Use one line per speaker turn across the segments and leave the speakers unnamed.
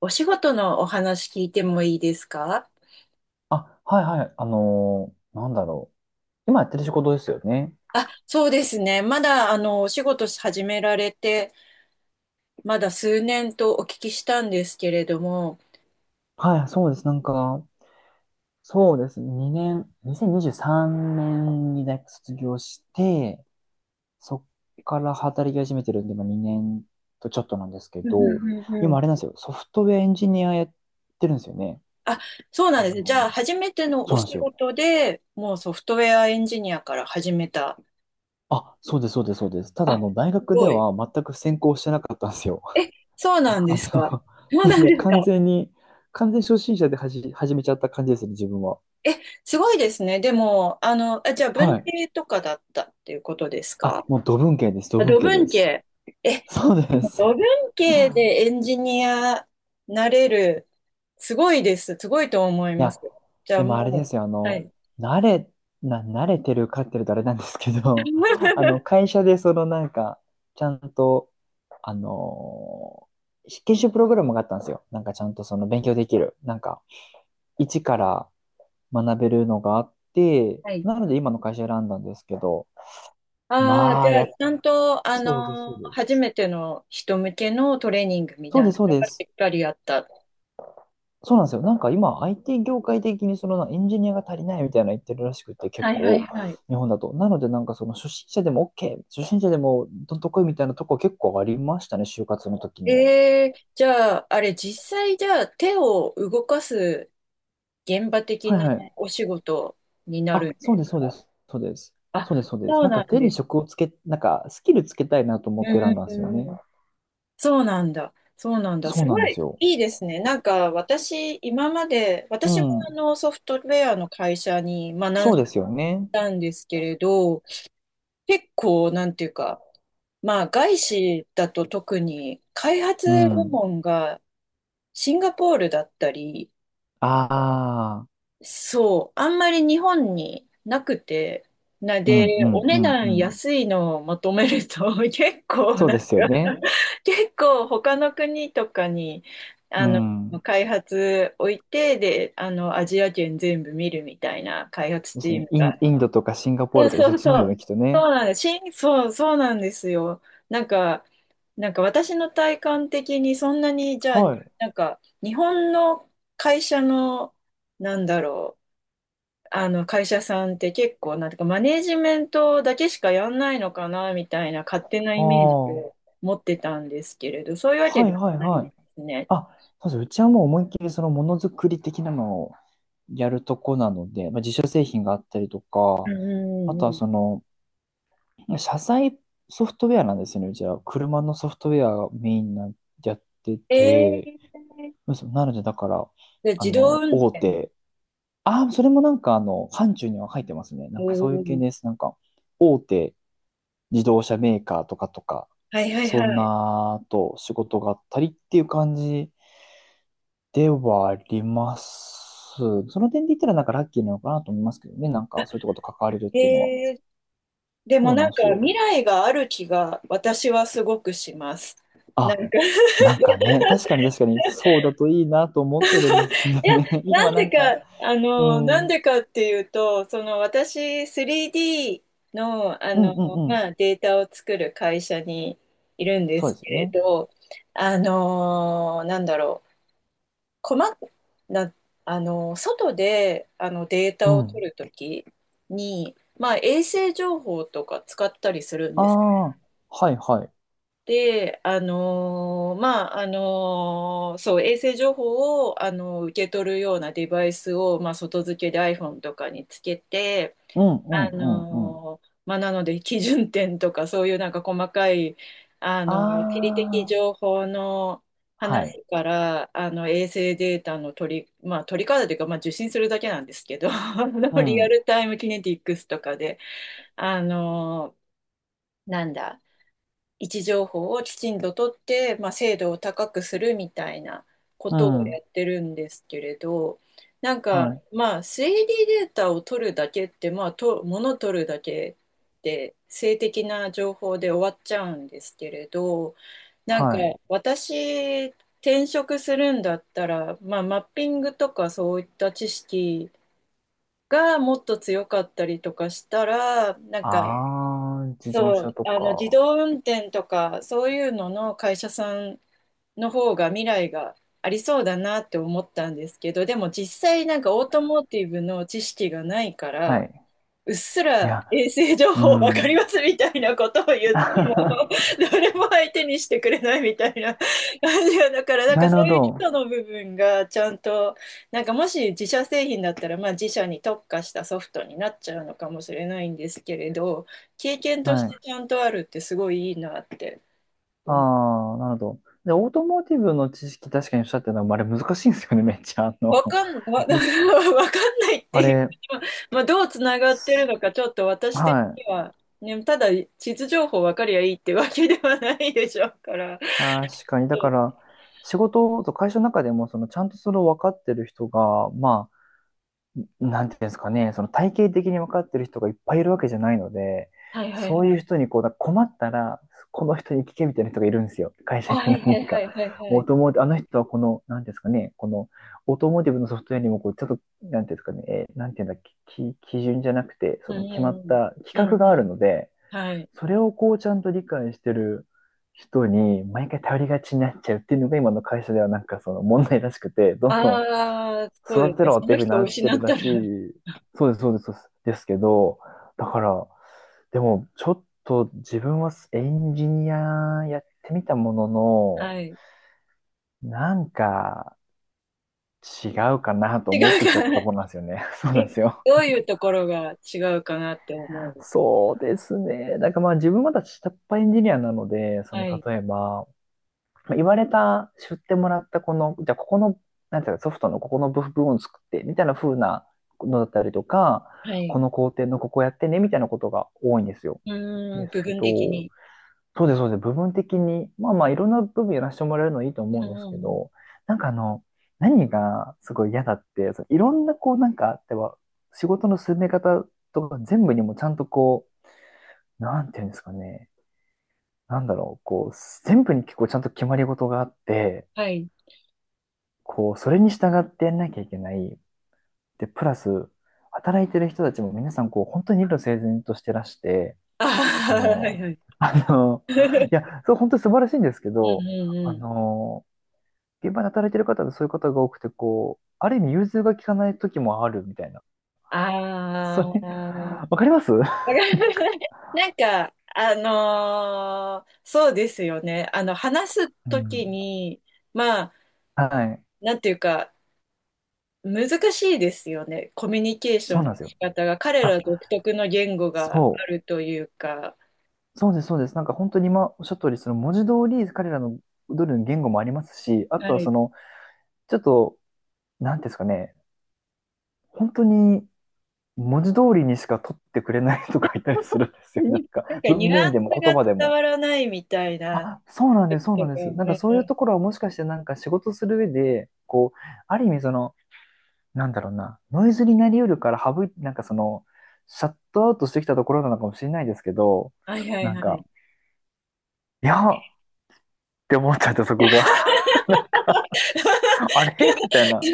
お仕事のお話聞いてもいいですか？
あ、はいはい。なんだろう。今やってる仕事ですよね。
あ、そうですね。まだ、お仕事始められて、まだ数年とお聞きしたんですけれども。
はい、そうです。なんか、そうです。2年、2023年にじゅうさんねんに大学卒業して、そっから働き始めてるんで、まあ、2年とちょっとなんですけ
うんう
ど、
んうんう
今あ
ん。
れなんですよ。ソフトウェアエンジニアやってるんですよね。
あ、そう
あ
なんですね。じゃ
の、
あ、初めて
そ
の
う
お
なん
仕
ですよ。
事でもうソフトウェアエンジニアから始めた。
あ、そうです、そうです、そうです。ただ、
あ、
あ
す
の、大学で
ごい。
は全く専攻してなかったんですよ。
え、そうな んで
あ
すか。
の、
そうな
なの
ん
で
ですか。
完全初心者で始めちゃった感じですね、自分は。
え、すごいですね。でも、じゃあ、
は
文
い。
系とかだったっていうことですか？
あ、もう土文系です、土
あ、
文
土
系で
文
す。
系。え、
そうです。
五分
い
系でエンジニアなれる、すごいです。すごいと思いま
や、
す。じゃあ
でもあれで
も
すよ、あ
う、は
の、
い。
慣れ、慣れてるかってると、あれなんですけど、あの、会社でそのなんか、ちゃんと、あのー研修プログラムがあったんですよ。なんかちゃんとその勉強できる。なんか、一から学べるのがあって、
はい。
なので今の会社選んだんですけど、
ああ、
ま
じ
あ、
ゃあ、
や、
ちゃんと、
そうです、そうです。
初めての人向けのトレーニングみた
そ
い
う
な
です、そう
の
で
がし
す。
っかりあった。
そうなんですよ。なんか今、IT 業界的にそのなエンジニアが足りないみたいな言ってるらしくて、結
はいはい
構、
はい。
日本だと。なので、なんかその初心者でも OK、初心者でもどんとこいみたいなとこ結構ありましたね、就活の時には。
えー、じゃあ、あれ、実際、じゃあ、手を動かす現場的
はい
な
はい。
お仕事になるん
あ、
で
そう
す
です、そうで
か？
す、そうです。
あ、
そうです、そうです。
そう
なん
な
か
ん
手に
です。
職をつけ、なんかスキルつけたいなと
う
思って選
ん
んだん
う
ですよ
ん
ね。
うん、そうなんだ。そうなんだ。
そう
す
な
ご
んで
い
すよ。
いいですね。なんか私、今まで、
う
私もあ
ん。
のソフトウェアの会社に、まあ、何
そう
社
で
か
すよ
い
ね。
たんですけれど、結構、なんていうか、まあ、外資だと特に開発
う
部
ん。
門がシンガポールだったり、
ああ。
そう、あんまり日本になくて、な、
う
で、
ん、う
お
ん、う
値
ん、う
段
ん。
安いのをまとめると、結構
そう
なん
で
か、
すよね。
結構他の国とかに、
う
あの、
ん。
開発置いて、で、あの、アジア圏全部見るみたいな開発
です
チ
よ
ー
ね。
ムが。
インドとかシンガポー
そ
ルとかそっ
うそう
ちの方
そ
ですよね、
う。
きっとね。
そうなんです。しんそう、そうなんですよ。なんか、なんか私の体感的にそんなに、じゃあ、
はい。
なんか、日本の会社の、なんだろう、あの会社さんって結構、なんていうか、マネージメントだけしかやんないのかな、みたいな勝手な
あ
イメージを
あ。
持ってたんですけれど、そういうわけ
は
で
い
は
はい
ない
は
んで
い。
すね。
あ、そうです。うちはもう思いっきりそのものづくり的なのをやるとこなので、まあ、自社製品があったりと
うん
か、あと
うんう
は
ん。
その、車載ソフトウェアなんですよね。うちは車のソフトウェアがメインなやって
え
て、
ー、
そうなのでだから、
で
あ
自動
の、
運
大
転。
手、ああ、それもなんかあの、範疇には入ってますね。な
お
んかそういう系で
ー、
す。なんか、大手自動車メーカーとかとか、
はいはい
そん
は
なと仕事があったりっていう感じではあります。その点で言ったらなんかラッキーなのかなと思いますけどね。なんかそういうとこと関われるっ
い。
ていうのは。
えー、でも
そう
な
なん
ん
で
か
す
未
よ。
来がある気が私はすごくします。なん
あ、
か、
なんかね、確かに確かにそうだといいなと思ってるんですけど
いや、
ね。
な
今
ん
な
で
んか、
か、
うん、
な
う
ん
ん
でかっていうと、その私、3D の、あ
うん
の、
うん。
まあ、データを作る会社にいるんで
そう
す
です
け
よ
れ
ね。
ど、あの、なんだろう、細かな、あの、外で、あの、デー
う
タを
ん。
取るときに、まあ、衛星情報とか使ったりするん
あ
です。
あ、はいはい。
で、そう、衛星情報を、受け取るようなデバイスを、まあ、外付けで iPhone とかにつけて、
うんうんうんうん。
なので、基準点とか、そういうなんか細かい、
あ
地理的
あ、
情報の
はい。
話から、あの、衛星データの取り、まあ、取り方というか、まあ、受信するだけなんですけど、あの
う
リア
ん、
ルタイムキネティックスとかで、あのーなんだ、位置情報をきちんと取って、まあ、精度を高くするみたいなこ
う
とを
ん、
やってるんですけれど、なんか、
はい。
まあ、3D ディーデータを取るだけって、まあ、と、物取るだけで、性的な情報で終わっちゃうんですけれど、なんか、
はい。
私、転職するんだったら、まあ、マッピングとかそういった知識がもっと強かったりとかしたら、なんか、
ああ、自動
そう、
車と
あの自
か。
動運転とかそういうのの会社さんの方が未来がありそうだなって思ったんですけど、でも実際なんかオートモーティブの知識がないか
は
ら、
い。
うっす
い
ら
や、
衛星情
う
報わかり
ん。
ますみたいなことを言っても、誰も相手にしてくれないみたいな感じが、だから、なん
な
か
る
そ
ほ
ういう基礎
ど。
の部分がちゃんと、なんかもし自社製品だったら、まあ自社に特化したソフトになっちゃうのかもしれないんですけれど、経験とし
は
て
い。
ちゃんとあるってすごいいいなって
あ
思、
あ、なるほど。で、オートモーティブの知識、確かにおっしゃってたのも、あれ難しいんですよね、めっちゃ。あの、
わかん、わ、
です。
わかんないっ
あ
ていう、
れ、
まあ、どうつながってる
す
のか、ちょっと私的
はい。
には、ね、ただ地図情報わかりゃいいってわけではないでしょうから。
確かに。だから、仕事と会社の中でも、その、ちゃんとそれを分かってる人が、まあなんていうんですかね、その体系的に分かってる人がいっぱいいるわけじゃないので、
はいはい
そう
は
いう
い。
人にこう、だから困ったら、この人に聞けみたいな人がいるんですよ。会社に
はいは
何
いは
か。
いはいは
オー
い。
トモーティブ、あの人はこの、なんていうんですかね、このオートモーティブのソフトウェアにもこう、ちょっと、なんていうんですかね、なんていうんだっけ、基準じゃなくて、
う
そ
ん
の決まった規
うんうん。う
格
ん
があ
う
るので、
ん。はい。
それをこう、ちゃんと理解してる人に、毎回頼りがちになっちゃうっていうのが今の会社ではなんかその問題らしくて、どんどん
ああ、そうで
育
す
て
ね。
ろ
そ
って
の
いう風に
人を
なって
失
る
っ
ら
た
しい。
ら、
そうです、そうです、そうですですけど、だから、でも、ちょっと自分はエンジニアやってみたもの
はい。
の、なんか違うかなと
違
思っ
う
てきちゃっ
か
た
な。
と
え、
ころなんですよね。そうなんですよ。
どういうところが違うかなって思う。
そうですね。だからまあ自分まだ下っ端エンジニアなので、その
はい。
例えば、言われた、知ってもらったこの、じゃあここの、なんていうか、ソフトのここの部分を作って、みたいな風なのだったりとか、
は
こ
い。
の工程のここやってね、みたいなことが多いんですよ。
うー
で
ん、
す
部
け
分的
ど、
に。
そうです、そうです。部分的に、まあまあ、いろんな部分やらせてもらえるのいいと思う
う
ん
ん
です
う
け
んうん。
ど、なんかあの、何がすごい嫌だって、そのいろんなこう、なんかあっては、仕事の進め方とか全部にもちゃんとこう、なんていうんですかね、なんだろう、こう、全部に結構ちゃんと決まり事があって、
はい。
こう、それに従ってやんなきゃいけない。で、プラス、働いてる人たちも皆さん、こう、本当に理路整然としてらして、
あ
あ
あ、はい
の、
はい。
あの、
う
い
ん
や、そう、本当に素晴らしいんですけ
うん
ど、あ
うん。
の、現場で働いてる方でそういう方が多くて、こう、ある意味融通が利かない時もあるみたいな。
ああ、
それ、
わ
わかりますう
かります。なんか、そうですよね。あの、話すとき
ん。
に、まあ、
はい。
なんていうか、難しいですよね。コミュニケーショ
そう
ンの
なんですよ。
仕方が、彼
あ、
ら独特の言語があ
そ
る
う。
というか、
そうです、そうです。なんか本当に今おっしゃった通り、その文字通り彼らのドルの言語もありますし、あ
は
とはそ
い。
の、ちょっとなんていうんですかね、本当に文字通りにしか取ってくれない人がいたりするんですよ。なん
になん
か
かニ
文
ュア
面
ン
でも
ス
言
が
葉で
伝
も。
わらないみたいな。
あ、そうなんです、そう
う
なんです。
ん
なん
う
かそういう
ん、
ところはもしかしてなんか仕事する上で、こう、ある意味その、なんだろうな、ノイズになりうるからなんかその、シャットアウトしてきたところなのかもしれないですけど、
はいはい
なん
は
か、
い、
いやって思っちゃってそこが。なんか、あれみたいな。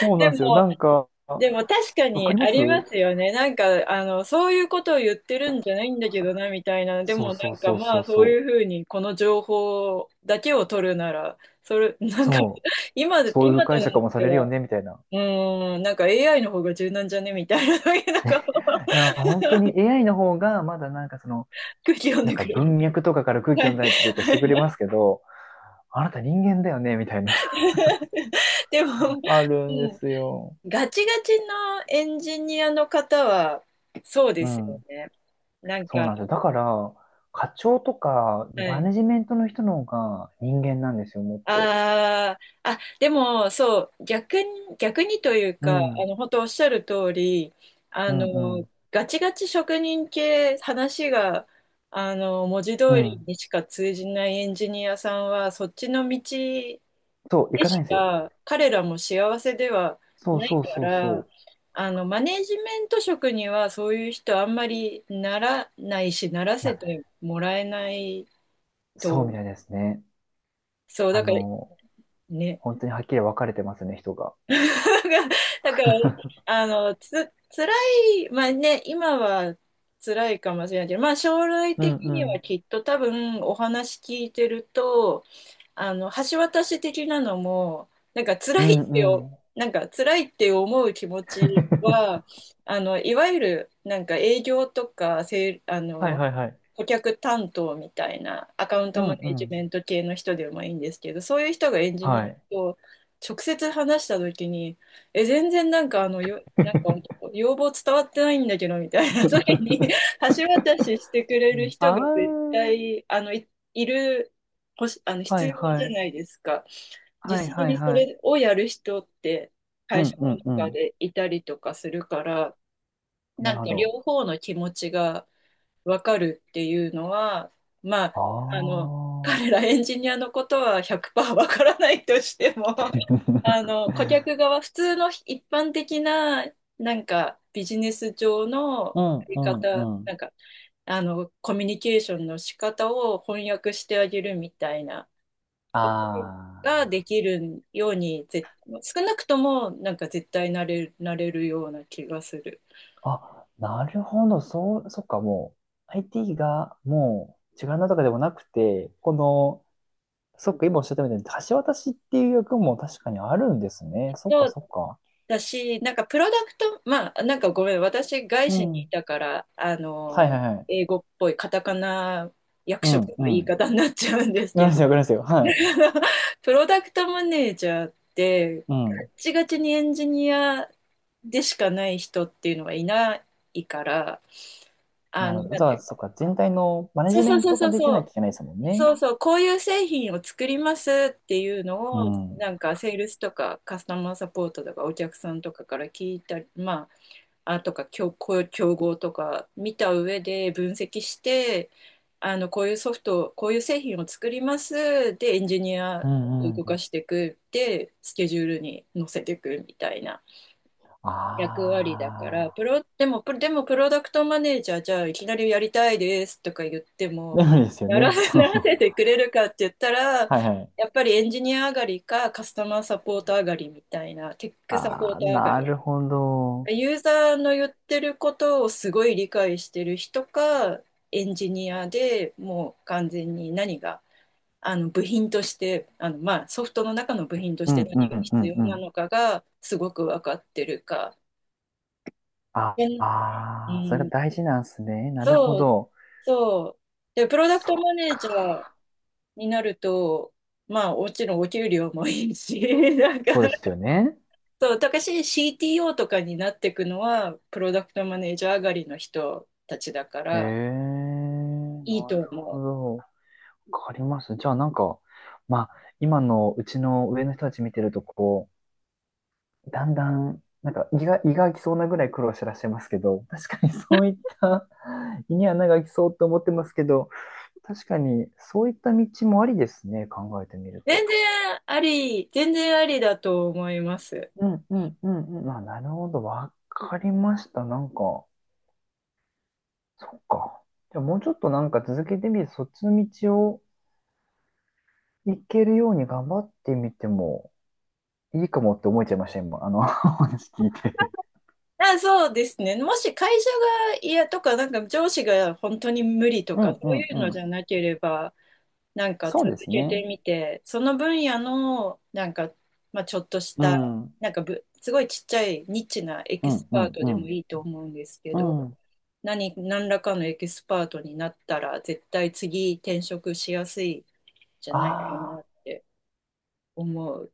そう
で
なんですよ。な
も、
んか、
でも確か
わ
に
かり
あ
ます
りますよね。なんか、あの、そういうことを言ってるんじゃないんだけどな、みたいな。で
そう
もな
そう
んか
そう
ま
そ
あ、
う
そうい
そ
うふうに、この情報だけを取るなら、それ、な
う。
んか、
そ
今、
う。そういう
今と
解
な
釈
っ
もさ
て
れるよ
は、
ね、みたいな。
うーん、なんか AI の方が柔軟じゃねみたいな、なんか、
いや、本当に AI の方が、まだなんかその、
空気読ん
なん
で
か
くれる。
文脈とかから空気
は
読ん
い。
だりとかしてくれますけど、あなた人間だよね、みたいな。
でも、
ある
う
んで
ん、
すよ。
ガチガチのエンジニアの方は、そうで
う
すよ
ん。
ね。なん
そう
か、
なんですよ。だから、課長とか、
は
マ
い、
ネジメントの人の方が人間なんですよ、もっと。
ああ、あ、でも、そう、逆に、逆にという
う
か、あ
ん。
の、本当おっしゃる通り、あ
うん、う
の、
ん。
ガチガチ職人系、話が、あの、文字
う
通り
ん。
にしか通じないエンジニアさんは、そっちの道で
そう、行かない
し
んですよ。
か、彼らも幸せでは
そう
ない
そう
か
そう
ら、
そう。
あの、マネジメント職には、そういう人あんまりならないし、なら
いや、
せてもらえない
そうみ
と、
たいですね。
そう、
あ
だから、
の、
ね、
本当にはっきり分かれてますね、人が。
だから、あの、つ、辛い、まあね、今は辛いかもしれないけど、まあ将来
うん
的
う
には
ん。
きっと多分お話聞いてると、あの、橋渡し的なのも、なんか
う
辛い
ん
って
う
よ、
ん。
なんか辛いって思う気持ち は、あの、いわゆるなんか営業とか、せい、あ
はい
の、
はいはい。
顧客担当みたいなアカウン
う
ト
ん
マ
う
ネジ
ん。
メント系の人でもいいんですけど、そういう人がエンジニ
は
ア
い。
と直接話した時に、え、全然なんかあの、よ、なんか 要望伝わってないんだけど、みたいな時に 橋渡ししてくれ
う
る
ん
人
あ
が絶
ー、
対、あの、い、いる、ほし、あの、
は
必
い
要じ
は
ゃ
い。
ないですか。
はい
実際
はい
にそ
はい。
れをやる人って
う
会
ん
社
う
の
んう
中
ん。
でいたりとかするから、
な
な
る
ん
ほ
か
ど。
両方の気持ちがわかるっていうのは、ま
あ
あ、あの、
あ。
彼らエンジニアのことは100%わからないとしても、あの、顧 客側、普通の一般的な、なんか、ビジネス上の
う
や
ん
り
うんう
方、
ん。
なんか、あの、コミュニケーションの仕方を翻訳してあげるみたいなことがで
あ
きるように、ぜ、少なくとも、なんか絶対なれる、なれるような気がする。
あ。あ、なるほど。そう、そっか、もう、IT がもう、違うなとかでもなくて、この、そっか、今おっしゃったみたいに、橋渡しっていう役も確かにあるんですね。そっ
そ
か、
う
そっか。
だし、なんかプロダクト、まあ、なんかごめん、私、外
う
資にい
ん。
たから、
はいはいはい。
英語っぽいカタカナ役
う
職の
ん、う
言
ん。
い
わか
方になっちゃうんです
り
け
ます
ど、
よ、わかりますよ。はい。
プロダクトマネージャーって
う
ガッ
ん。
チガチにエンジニアでしかない人っていうのはいないから、あ
なる
の、
ほど。
な
じ
ん
ゃ
てい
あ
うか、
そっか、全体のマネ
そう
ジメ
そう
ン
そう
ト
そ
が
う
でき
そ
な
う、
きゃいけないですもんね。
そうそう、こういう製品を作りますっていうの
う
を、
ん。う
なんかセールスとかカスタマーサポートとかお客さんとかから聞いたり、まあとか競、こう競合とか見た上で分析して、こういうソフト、こういう製品を作ります。で、エンジニアを
ん
動
う
か
ん。
していく。で、スケジュールに載せていくみたいな役割だから、
あ
プ
あ。
ロ、でも、プロでもプロダクトマネージャー、じゃあいきなりやりたいですとか言っても、
でもですよ
なら
ね。そう。
なら せてくれるかって言ったら、
はいはい。
やっぱりエンジニア上がりかカスタマーサポート上がりみたいな、テックサポー
ああ、
ト上が
なる
り
ほど。
ユーザーの言ってることをすごい理解してる人か、エンジニアでもう完全に何が、あの部品として、あのまあソフトの中の部品とし
う
て
んう
何が
んう
必
ん
要
う
な
ん。
のかがすごく分かってるか。
あ
で、う
あー、それが
ん、
大事なんですね。なるほ
そう、
ど。
そう。で、プロダクト
そっ
マネージャ
か。
ーになると、まあもちろんお給料もいいし なんか、
そうですよね。
そう、たかし CTO とかになっていくのは、プロダクトマネージャー上がりの人たちだか
へ
ら、
え、
いい
なる
と思う。
ほど。わかります。じゃあなんか、まあ、今のうちの上の人たち見てると、こう、だんだん、なんか胃が、胃が空きそうなぐらい苦労してらっしゃいますけど、確かにそういった胃に穴が空きそうと思ってますけど、確かにそういった道もありですね、考えてみる
全
と。
然あり、全然ありだと思います。
うんうんうんうん。まあ、なるほど。わかりました。なんか、そっか。じゃあもうちょっとなんか続けてみる、そっちの道を行けるように頑張ってみてもいいかもって思えちゃいました、今。あの、お話聞いて。
あ、そうですね。もし会社が嫌とか、なんか上司が本当に無理と
う
か、そ
んう
うい
ん
う
う
のじ
ん。
ゃなければ、なんか
そう
続
です
けて
ね。
みて、その分野の、なんか、まあ、ちょっとし
う
た、
ん。うん
なんかぶ、すごいちっちゃいニッチなエ
う
キ
ん
スパート
う
でも
ん。
いいと思うんですけ
う
ど、
ん。
何、何らかのエキスパートになったら、絶対次転職しやすいじゃないか
あ
なって思う。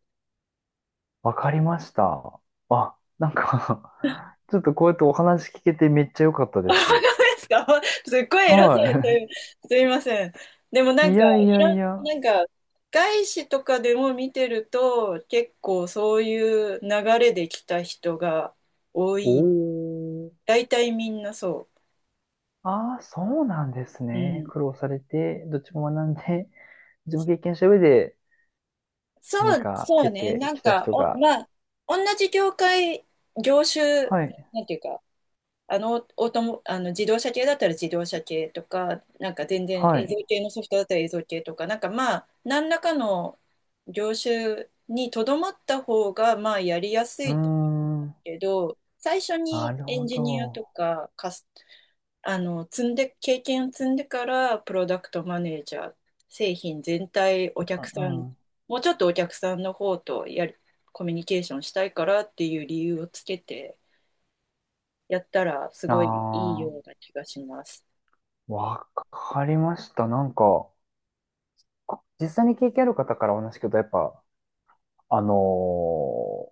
あ、わかりました。あ、なんか ちょっとこうやってお話聞けてめっちゃ良かったです。
ですか すっごい偉そう
は
ですすいません。でもな
い。
ん
い
か、
やい
い
や
ろ
い
ん、
や。
なんか、外資とかでも見てると、結構そういう流れで来た人が多
お
い。
ー。
大体みんなそ
ああ、そうなんです
う。う
ね。
ん。
苦労されて、どっちも学んで、どっちも経験した上で
そ
何
う、
か
そう
得
ね。
て
なん
きた
か、
人
お、
が。
まあ、同じ業界、業種、
はい。
なんていうか、オートモ、あの自動車系だったら自動車系とか、なんか全然
は
映像
い。
系のソフトだったら映像系とか、なんかまあ、何らかの業種にとどまった方が、まあ、やりやす
うー
い
ん。
けど、最初
な
に
る
エン
ほ
ジニア
ど。
とか、カス、積んで、経験を積んでから、プロダクトマネージャー、製品全体、お
う
客さん、
んうん。
もうちょっとお客さんの方とやりコミュニケーションしたいからっていう理由をつけて、やったらすごいいい
あ
ような気がします。
あ、わかりました。なんか、実際に経験ある方からお話聞くと、やっぱ、あの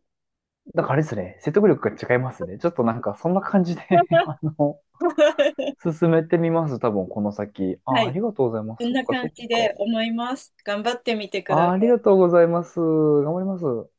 なんかあれですね、説得力が違いますね。ちょっとなんかそんな感じで あの、進めてみます。多分この先。
は
あ、あ
い、
りがとうございます。
そん
そっ
な
か
感
そっ
じ
か。
で思います。頑張ってみてくださ
あ、あり
い。
がとうございます。頑張ります。